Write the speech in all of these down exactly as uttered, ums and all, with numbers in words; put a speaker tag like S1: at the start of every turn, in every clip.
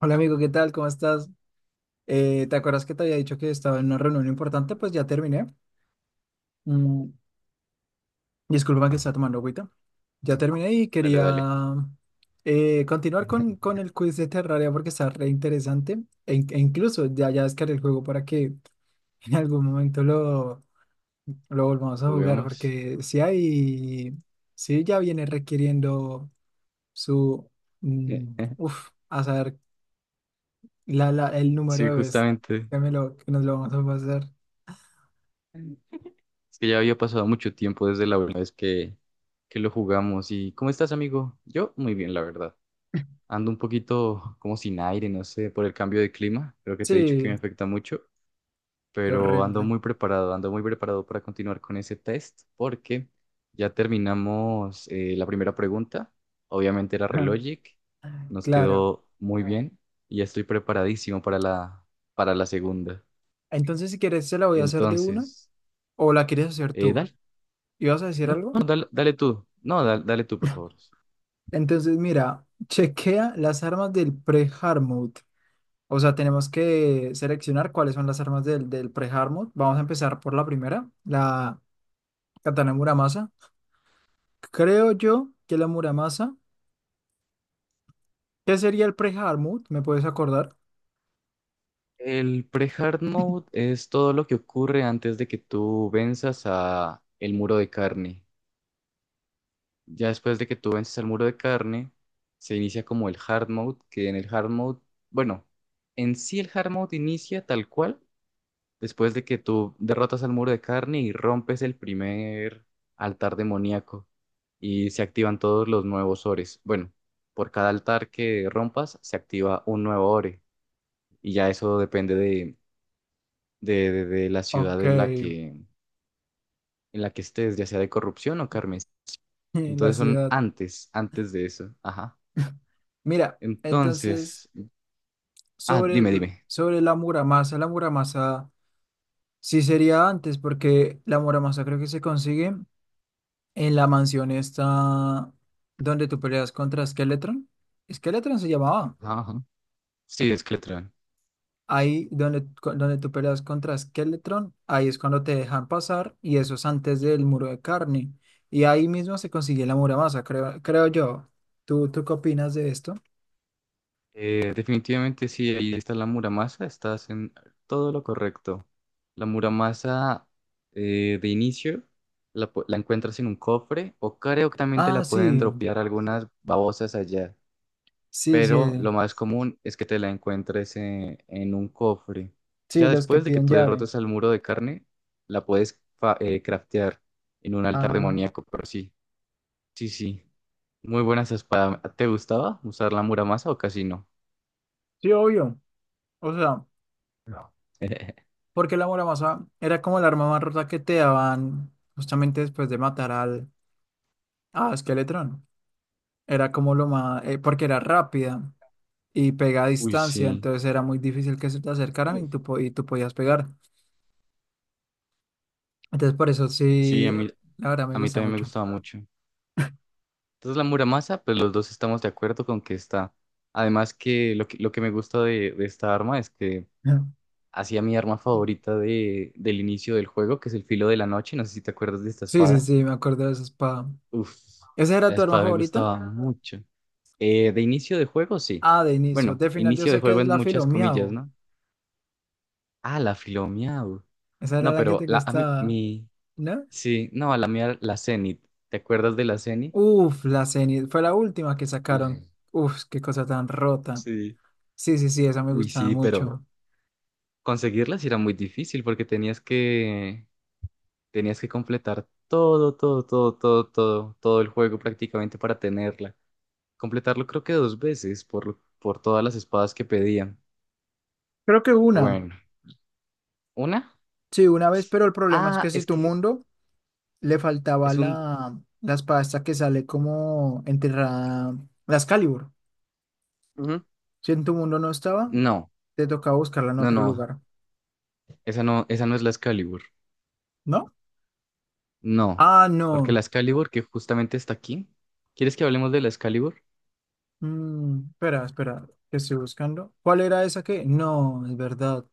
S1: Hola amigo, ¿qué tal? ¿Cómo estás? Eh, ¿te acuerdas que te había dicho que estaba en una reunión importante? Pues ya terminé. Mm, Disculpa que estaba tomando agüita. Ya terminé y
S2: Dale, dale,
S1: quería eh, continuar con, con el quiz de Terraria porque está re interesante. E, in- e incluso ya, ya descargué el juego para que en algún momento lo, lo volvamos a jugar
S2: juguemos.
S1: porque si hay, si ya viene requiriendo su, mm, uf, a saber. La, la, el número
S2: Sí,
S1: de veces
S2: justamente.
S1: que, me lo, que nos lo vamos a pasar.
S2: Es que ya había pasado mucho tiempo desde la última vez que, que lo jugamos. ¿Y cómo estás, amigo? Yo muy bien, la verdad. Ando un poquito como sin aire, no sé, por el cambio de clima. Creo que te he dicho que me
S1: Sí,
S2: afecta mucho,
S1: qué
S2: pero ando
S1: horrible.
S2: muy preparado, ando muy preparado para continuar con ese test porque ya terminamos eh, la primera pregunta. Obviamente era
S1: Ja,
S2: Relogic, nos
S1: claro.
S2: quedó muy bien y ya estoy preparadísimo para la, para la segunda.
S1: Entonces, si quieres, se la voy a hacer de una
S2: Entonces,
S1: o la quieres hacer
S2: eh,
S1: tú.
S2: dale,
S1: ¿Ibas a decir
S2: no, no,
S1: algo?
S2: dale, dale tú, no, da- dale, tú, por favor.
S1: Entonces, mira, chequea las armas del pre-hard mode. O sea, tenemos que seleccionar cuáles son las armas del, del pre-hard mode. Vamos a empezar por la primera, la katana Muramasa. Creo yo que la Muramasa. ¿Qué sería el pre-hard mode? ¿Me puedes acordar?
S2: El pre-hard mode es todo lo que ocurre antes de que tú venzas a el muro de carne. Ya después de que tú vences al muro de carne, se inicia como el hard mode, que en el hard mode, bueno, en sí el hard mode inicia tal cual después de que tú derrotas al muro de carne y rompes el primer altar demoníaco y se activan todos los nuevos ores. Bueno, por cada altar que rompas se activa un nuevo ore y ya eso depende de, de, de- de la
S1: Ok,
S2: ciudad en la que, en la que estés, ya sea de corrupción o carmes.
S1: la
S2: Entonces son
S1: ciudad.
S2: antes, antes de eso. Ajá.
S1: Mira, entonces,
S2: Entonces, ah,
S1: sobre,
S2: dime,
S1: el-
S2: dime.
S1: sobre la muramasa, la muramasa sí sería antes, porque la muramasa creo que se consigue en la mansión esta donde tú peleas contra Skeletron. Skeletron se llamaba.
S2: Ajá, ajá. Sí, es que
S1: Ahí donde, cu- donde tú peleas contra Skeletron, ahí es cuando te dejan pasar, y eso es antes del muro de carne. Y ahí mismo se consigue la muramasa, creo, creo yo. ¿Tú, tú qué opinas de esto?
S2: Eh, definitivamente sí, ahí está la Muramasa, estás en todo lo correcto. La Muramasa, eh, de inicio la, pu- la encuentras en un cofre o creo que también te
S1: Ah,
S2: la pueden
S1: sí,
S2: dropear algunas babosas allá,
S1: sí, sí,
S2: pero lo más común es que te la encuentres en, en un cofre.
S1: sí,
S2: Ya
S1: los que
S2: después de que
S1: piden
S2: tú
S1: llave.
S2: derrotas al muro de carne, la puedes fa- eh, craftear en un altar
S1: Ah.
S2: demoníaco, pero sí, sí, sí. Muy buenas espadas. ¿Te gustaba usar la Muramasa o casi no?
S1: Sí, obvio. O sea,
S2: No.
S1: porque la Muramasa era como el arma más rota que te daban justamente después de matar al a Skeletron. Era como lo más, eh, porque era rápida y pega a
S2: Uy,
S1: distancia,
S2: sí.
S1: entonces era muy difícil que se te acercaran y
S2: Mm.
S1: tú, po- y tú podías pegar. Entonces por eso
S2: Sí,
S1: sí,
S2: a mí,
S1: la verdad me
S2: a mí
S1: gusta
S2: también me
S1: mucho.
S2: gustaba mucho. Entonces la Muramasa, pues los dos estamos de acuerdo con que está. Además que lo que, lo que me gusta de, de esta arma es que
S1: Ya.
S2: hacía mi arma favorita de, del inicio del juego, que es el filo de la noche. No sé si te acuerdas de esta
S1: Sí, sí,
S2: espada.
S1: sí, me acuerdo de esa espada.
S2: Uf,
S1: ¿Esa era
S2: la
S1: tu arma
S2: espada me
S1: favorita?
S2: gustaba mucho. Eh, de inicio de juego, sí.
S1: Ah, de inicio.
S2: Bueno,
S1: De final yo
S2: inicio de
S1: sé que es
S2: juego en
S1: la
S2: muchas comillas,
S1: Filomiao.
S2: ¿no? Ah, la Filomiau.
S1: Esa era
S2: No,
S1: la que
S2: pero
S1: te
S2: la, a mí-
S1: gustaba,
S2: mi,
S1: ¿no?
S2: sí, no, a la mía, la Zenith. ¿Te acuerdas de la Zenith?
S1: Uf, la Zenith. Fue la última que sacaron.
S2: Sí.
S1: Uf, qué cosa tan rota.
S2: Sí.
S1: Sí, sí, sí, esa me
S2: Uy,
S1: gustaba
S2: sí,
S1: mucho.
S2: pero conseguirlas era muy difícil porque tenías que tenías que completar todo, todo, todo, todo, todo, todo el juego prácticamente para tenerla. Completarlo creo que dos veces por, por todas las espadas que pedían.
S1: Creo que una.
S2: Bueno, una.
S1: Sí, una vez, pero el problema es
S2: Ah,
S1: que si
S2: es
S1: tu
S2: que
S1: mundo le faltaba
S2: es un
S1: la, la espada esta que sale como enterrada, la Excalibur.
S2: Ujú.
S1: Si en tu mundo no estaba,
S2: No,
S1: te tocaba buscarla en
S2: no,
S1: otro
S2: no.
S1: lugar,
S2: Esa no, esa no es la Excalibur.
S1: ¿no?
S2: No.
S1: Ah,
S2: Porque
S1: no.
S2: la Excalibur que justamente está aquí. ¿Quieres que hablemos de la Excalibur?
S1: Mm, espera, espera, que estoy buscando. ¿Cuál era esa que? No, es verdad.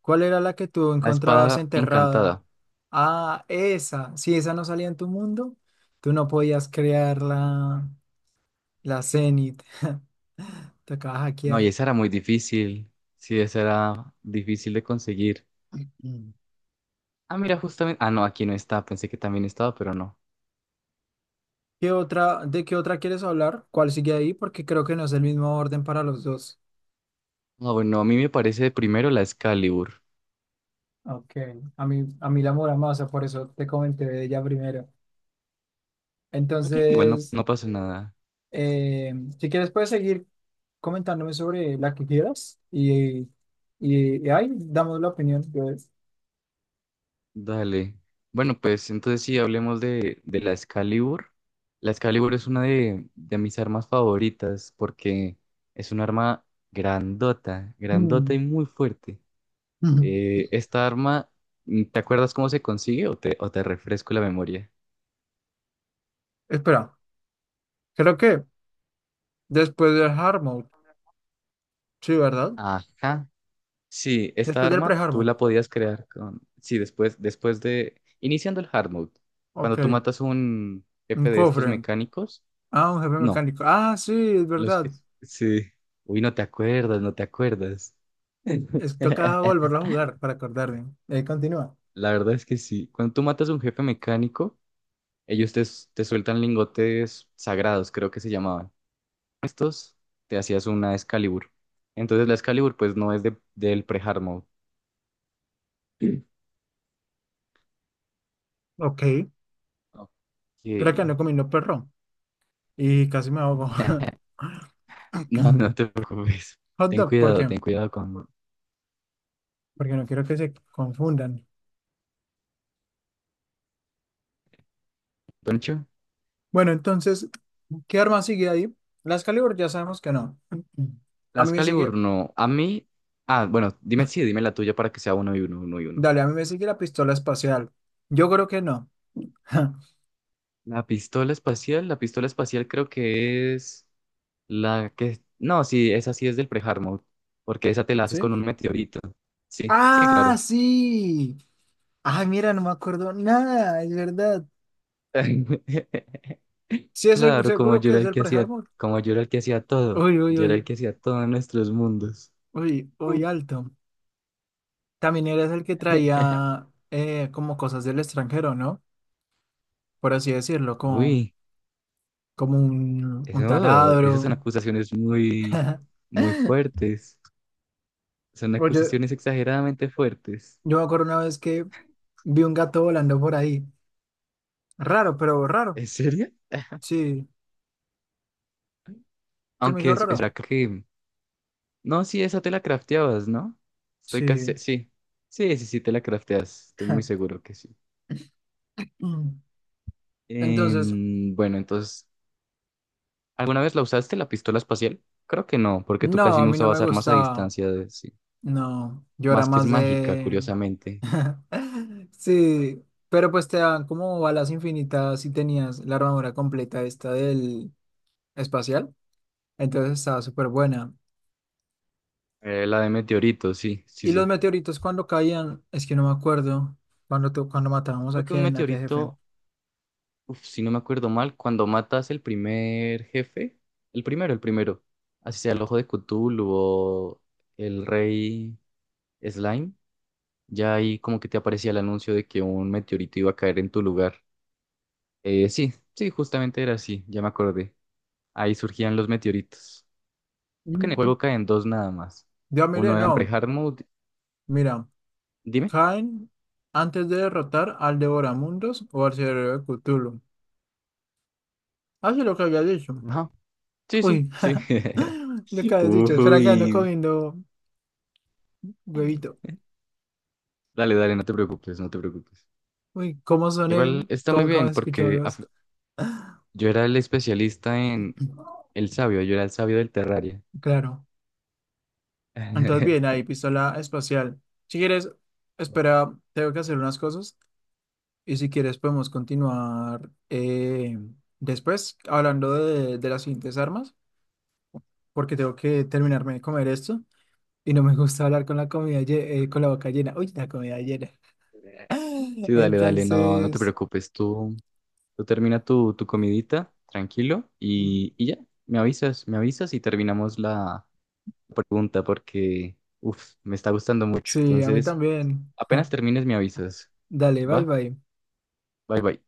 S1: ¿Cuál era la que tú
S2: La
S1: encontrabas
S2: espada
S1: enterrada?
S2: encantada.
S1: Ah, esa. Si esa no salía en tu mundo, tú no podías crear la, la Zenith. Te acabas de
S2: No, y
S1: hackear.
S2: esa era muy difícil. Sí, esa era difícil de conseguir.
S1: Mm.
S2: Ah, mira, justamente. Ah, no, aquí no está. Pensé que también estaba, pero no.
S1: ¿Qué otra, de qué otra quieres hablar? ¿Cuál sigue ahí? Porque creo que no es el mismo orden para los dos.
S2: Ah, bueno, a mí me parece primero la Excalibur.
S1: Ok, a mí, a mí la Muramasa, por eso te comenté de ella primero.
S2: Ok, igual no,
S1: Entonces.
S2: no pasa nada.
S1: Eh, si quieres, puedes seguir comentándome sobre la que quieras y, y, y ahí damos la opinión. Yo-
S2: Dale. Bueno, pues entonces sí, hablemos de, de la Excalibur. La Excalibur es una de, de mis armas favoritas porque es un arma grandota, grandota y
S1: Mm,
S2: muy fuerte.
S1: mm.
S2: Eh, esta arma, ¿te acuerdas cómo se consigue o te, o te refresco la memoria?
S1: Espera, creo que después del hard mode, sí, ¿verdad?
S2: Ajá. Sí, esta
S1: Después del
S2: arma
S1: pre-hard
S2: tú
S1: mode,
S2: la podías crear con... Sí, después, después de... Iniciando el hard mode,
S1: ok,
S2: cuando tú matas un
S1: un
S2: jefe de estos
S1: cofre,
S2: mecánicos,
S1: ah, un jefe
S2: no,
S1: mecánico, ah, sí, es
S2: los...
S1: verdad,
S2: que- sí. Uy, no te acuerdas, no te acuerdas.
S1: es, toca volverlo a jugar para acordarme. Eh, continúa,
S2: La verdad es que sí. Cuando tú matas a un jefe mecánico, ellos te, te sueltan lingotes sagrados, creo que se llamaban. Estos te hacías una Excalibur. Entonces la Excalibur pues no es de, del pre-hard mode.
S1: ok,
S2: Ok.
S1: espera que ando comiendo perro y casi me ahogo.
S2: No, no te preocupes.
S1: Hot
S2: Ten
S1: dog, ¿por
S2: cuidado,
S1: qué?
S2: ten cuidado con
S1: Porque no quiero que se confundan.
S2: Poncho.
S1: Bueno, entonces, ¿qué arma sigue ahí? La Excalibur ya sabemos que no. A mí
S2: Las
S1: me
S2: Calibur
S1: sigue,
S2: no. A mí. Ah, bueno, dime, sí, dime la tuya para que sea uno y uno, uno y uno.
S1: dale, a mí me sigue la pistola espacial. Yo creo que no.
S2: La pistola espacial, la pistola espacial creo que es la que. No, sí, esa sí es del pre porque esa te la haces
S1: ¿Sí?
S2: con un meteorito. Sí, sí,
S1: Ah,
S2: claro.
S1: sí. Ay, mira, no me acuerdo nada, es verdad. Sí, es seg-
S2: Claro, como
S1: seguro
S2: yo
S1: que
S2: era
S1: es
S2: el
S1: del
S2: que hacía,
S1: pre-armor.
S2: como yo era el que hacía todo.
S1: Uy, uy,
S2: Yo era el
S1: uy,
S2: que hacía todo en nuestros mundos.
S1: uy, uy, alto. También eres el que traía eh, como cosas del extranjero, ¿no? Por así decirlo, como,
S2: Uy.
S1: como un, un
S2: Eso, esas son
S1: taladro.
S2: acusaciones muy, muy fuertes. Son
S1: Oye,
S2: acusaciones exageradamente fuertes.
S1: yo me acuerdo una vez que vi un gato volando por ahí. Raro, pero raro.
S2: ¿En serio?
S1: Sí, se me
S2: Aunque
S1: hizo
S2: es, es
S1: raro.
S2: verdad que... No, sí, esa te la crafteabas, ¿no? Estoy
S1: Sí.
S2: casi... Sí. Sí, sí, sí, te la crafteas. Estoy muy seguro que sí.
S1: Mm. Entonces,
S2: Em, bueno, entonces... ¿Alguna vez la usaste, la pistola espacial? Creo que no, porque tú
S1: no,
S2: casi
S1: a
S2: no
S1: mí no me
S2: usabas armas a
S1: gustaba.
S2: distancia, de- sí.
S1: No, yo era
S2: Más que es
S1: más
S2: mágica,
S1: de...
S2: curiosamente.
S1: Sí, pero pues te dan como balas infinitas y tenías la armadura completa esta del espacial. Entonces estaba súper buena.
S2: Eh, la de meteorito, sí, sí,
S1: Y los
S2: sí.
S1: meteoritos cuando caían, es que no me acuerdo cuando, tu- cuando matábamos a
S2: Creo que un
S1: quién, a qué jefe.
S2: meteorito Uf, si no me acuerdo mal, cuando matas el primer jefe, el primero, el primero, así sea el ojo de Cthulhu o el rey Slime, ya ahí como que te aparecía el anuncio de que un meteorito iba a caer en tu lugar. Eh, sí, sí, justamente era así, ya me acordé. Ahí surgían los meteoritos. Creo que en el
S1: Mm.
S2: juego caen dos nada más.
S1: Yo miré,
S2: Uno en
S1: no.
S2: pre-hard mode.
S1: Mira,
S2: Dime.
S1: Jaén, antes de derrotar al Devoramundos o al Cerebro de Cthulhu. Hace lo que había dicho.
S2: Ajá. Sí, sí,
S1: Uy,
S2: sí.
S1: lo que había dicho. Espera que no
S2: Uy.
S1: comiendo huevito.
S2: Dale, dale, no te preocupes, no te preocupes.
S1: Uy, ¿cómo soné?
S2: Igual está muy
S1: ¿Cómo, cómo
S2: bien
S1: se escuchó mi
S2: porque a,
S1: voz?
S2: yo era el especialista en el sabio, yo era el sabio del Terraria.
S1: Claro. Entonces, bien, ahí, pistola espacial. Si quieres, espera, tengo que hacer unas cosas. Y si quieres, podemos continuar eh, después hablando de, de las siguientes armas, porque tengo que terminarme de comer esto. Y no me gusta hablar con la comida, lle- eh, con la boca llena. Uy, la comida llena.
S2: Sí, dale, dale, no, no te
S1: Entonces,
S2: preocupes, tú, tú termina tu, tu comidita, tranquilo, y, y ya, me avisas, me avisas y terminamos la pregunta porque, uff, me está gustando mucho.
S1: sí, a mí
S2: Entonces,
S1: también.
S2: apenas termines, me avisas.
S1: Dale, bye
S2: ¿Va?
S1: bye.
S2: Bye, bye.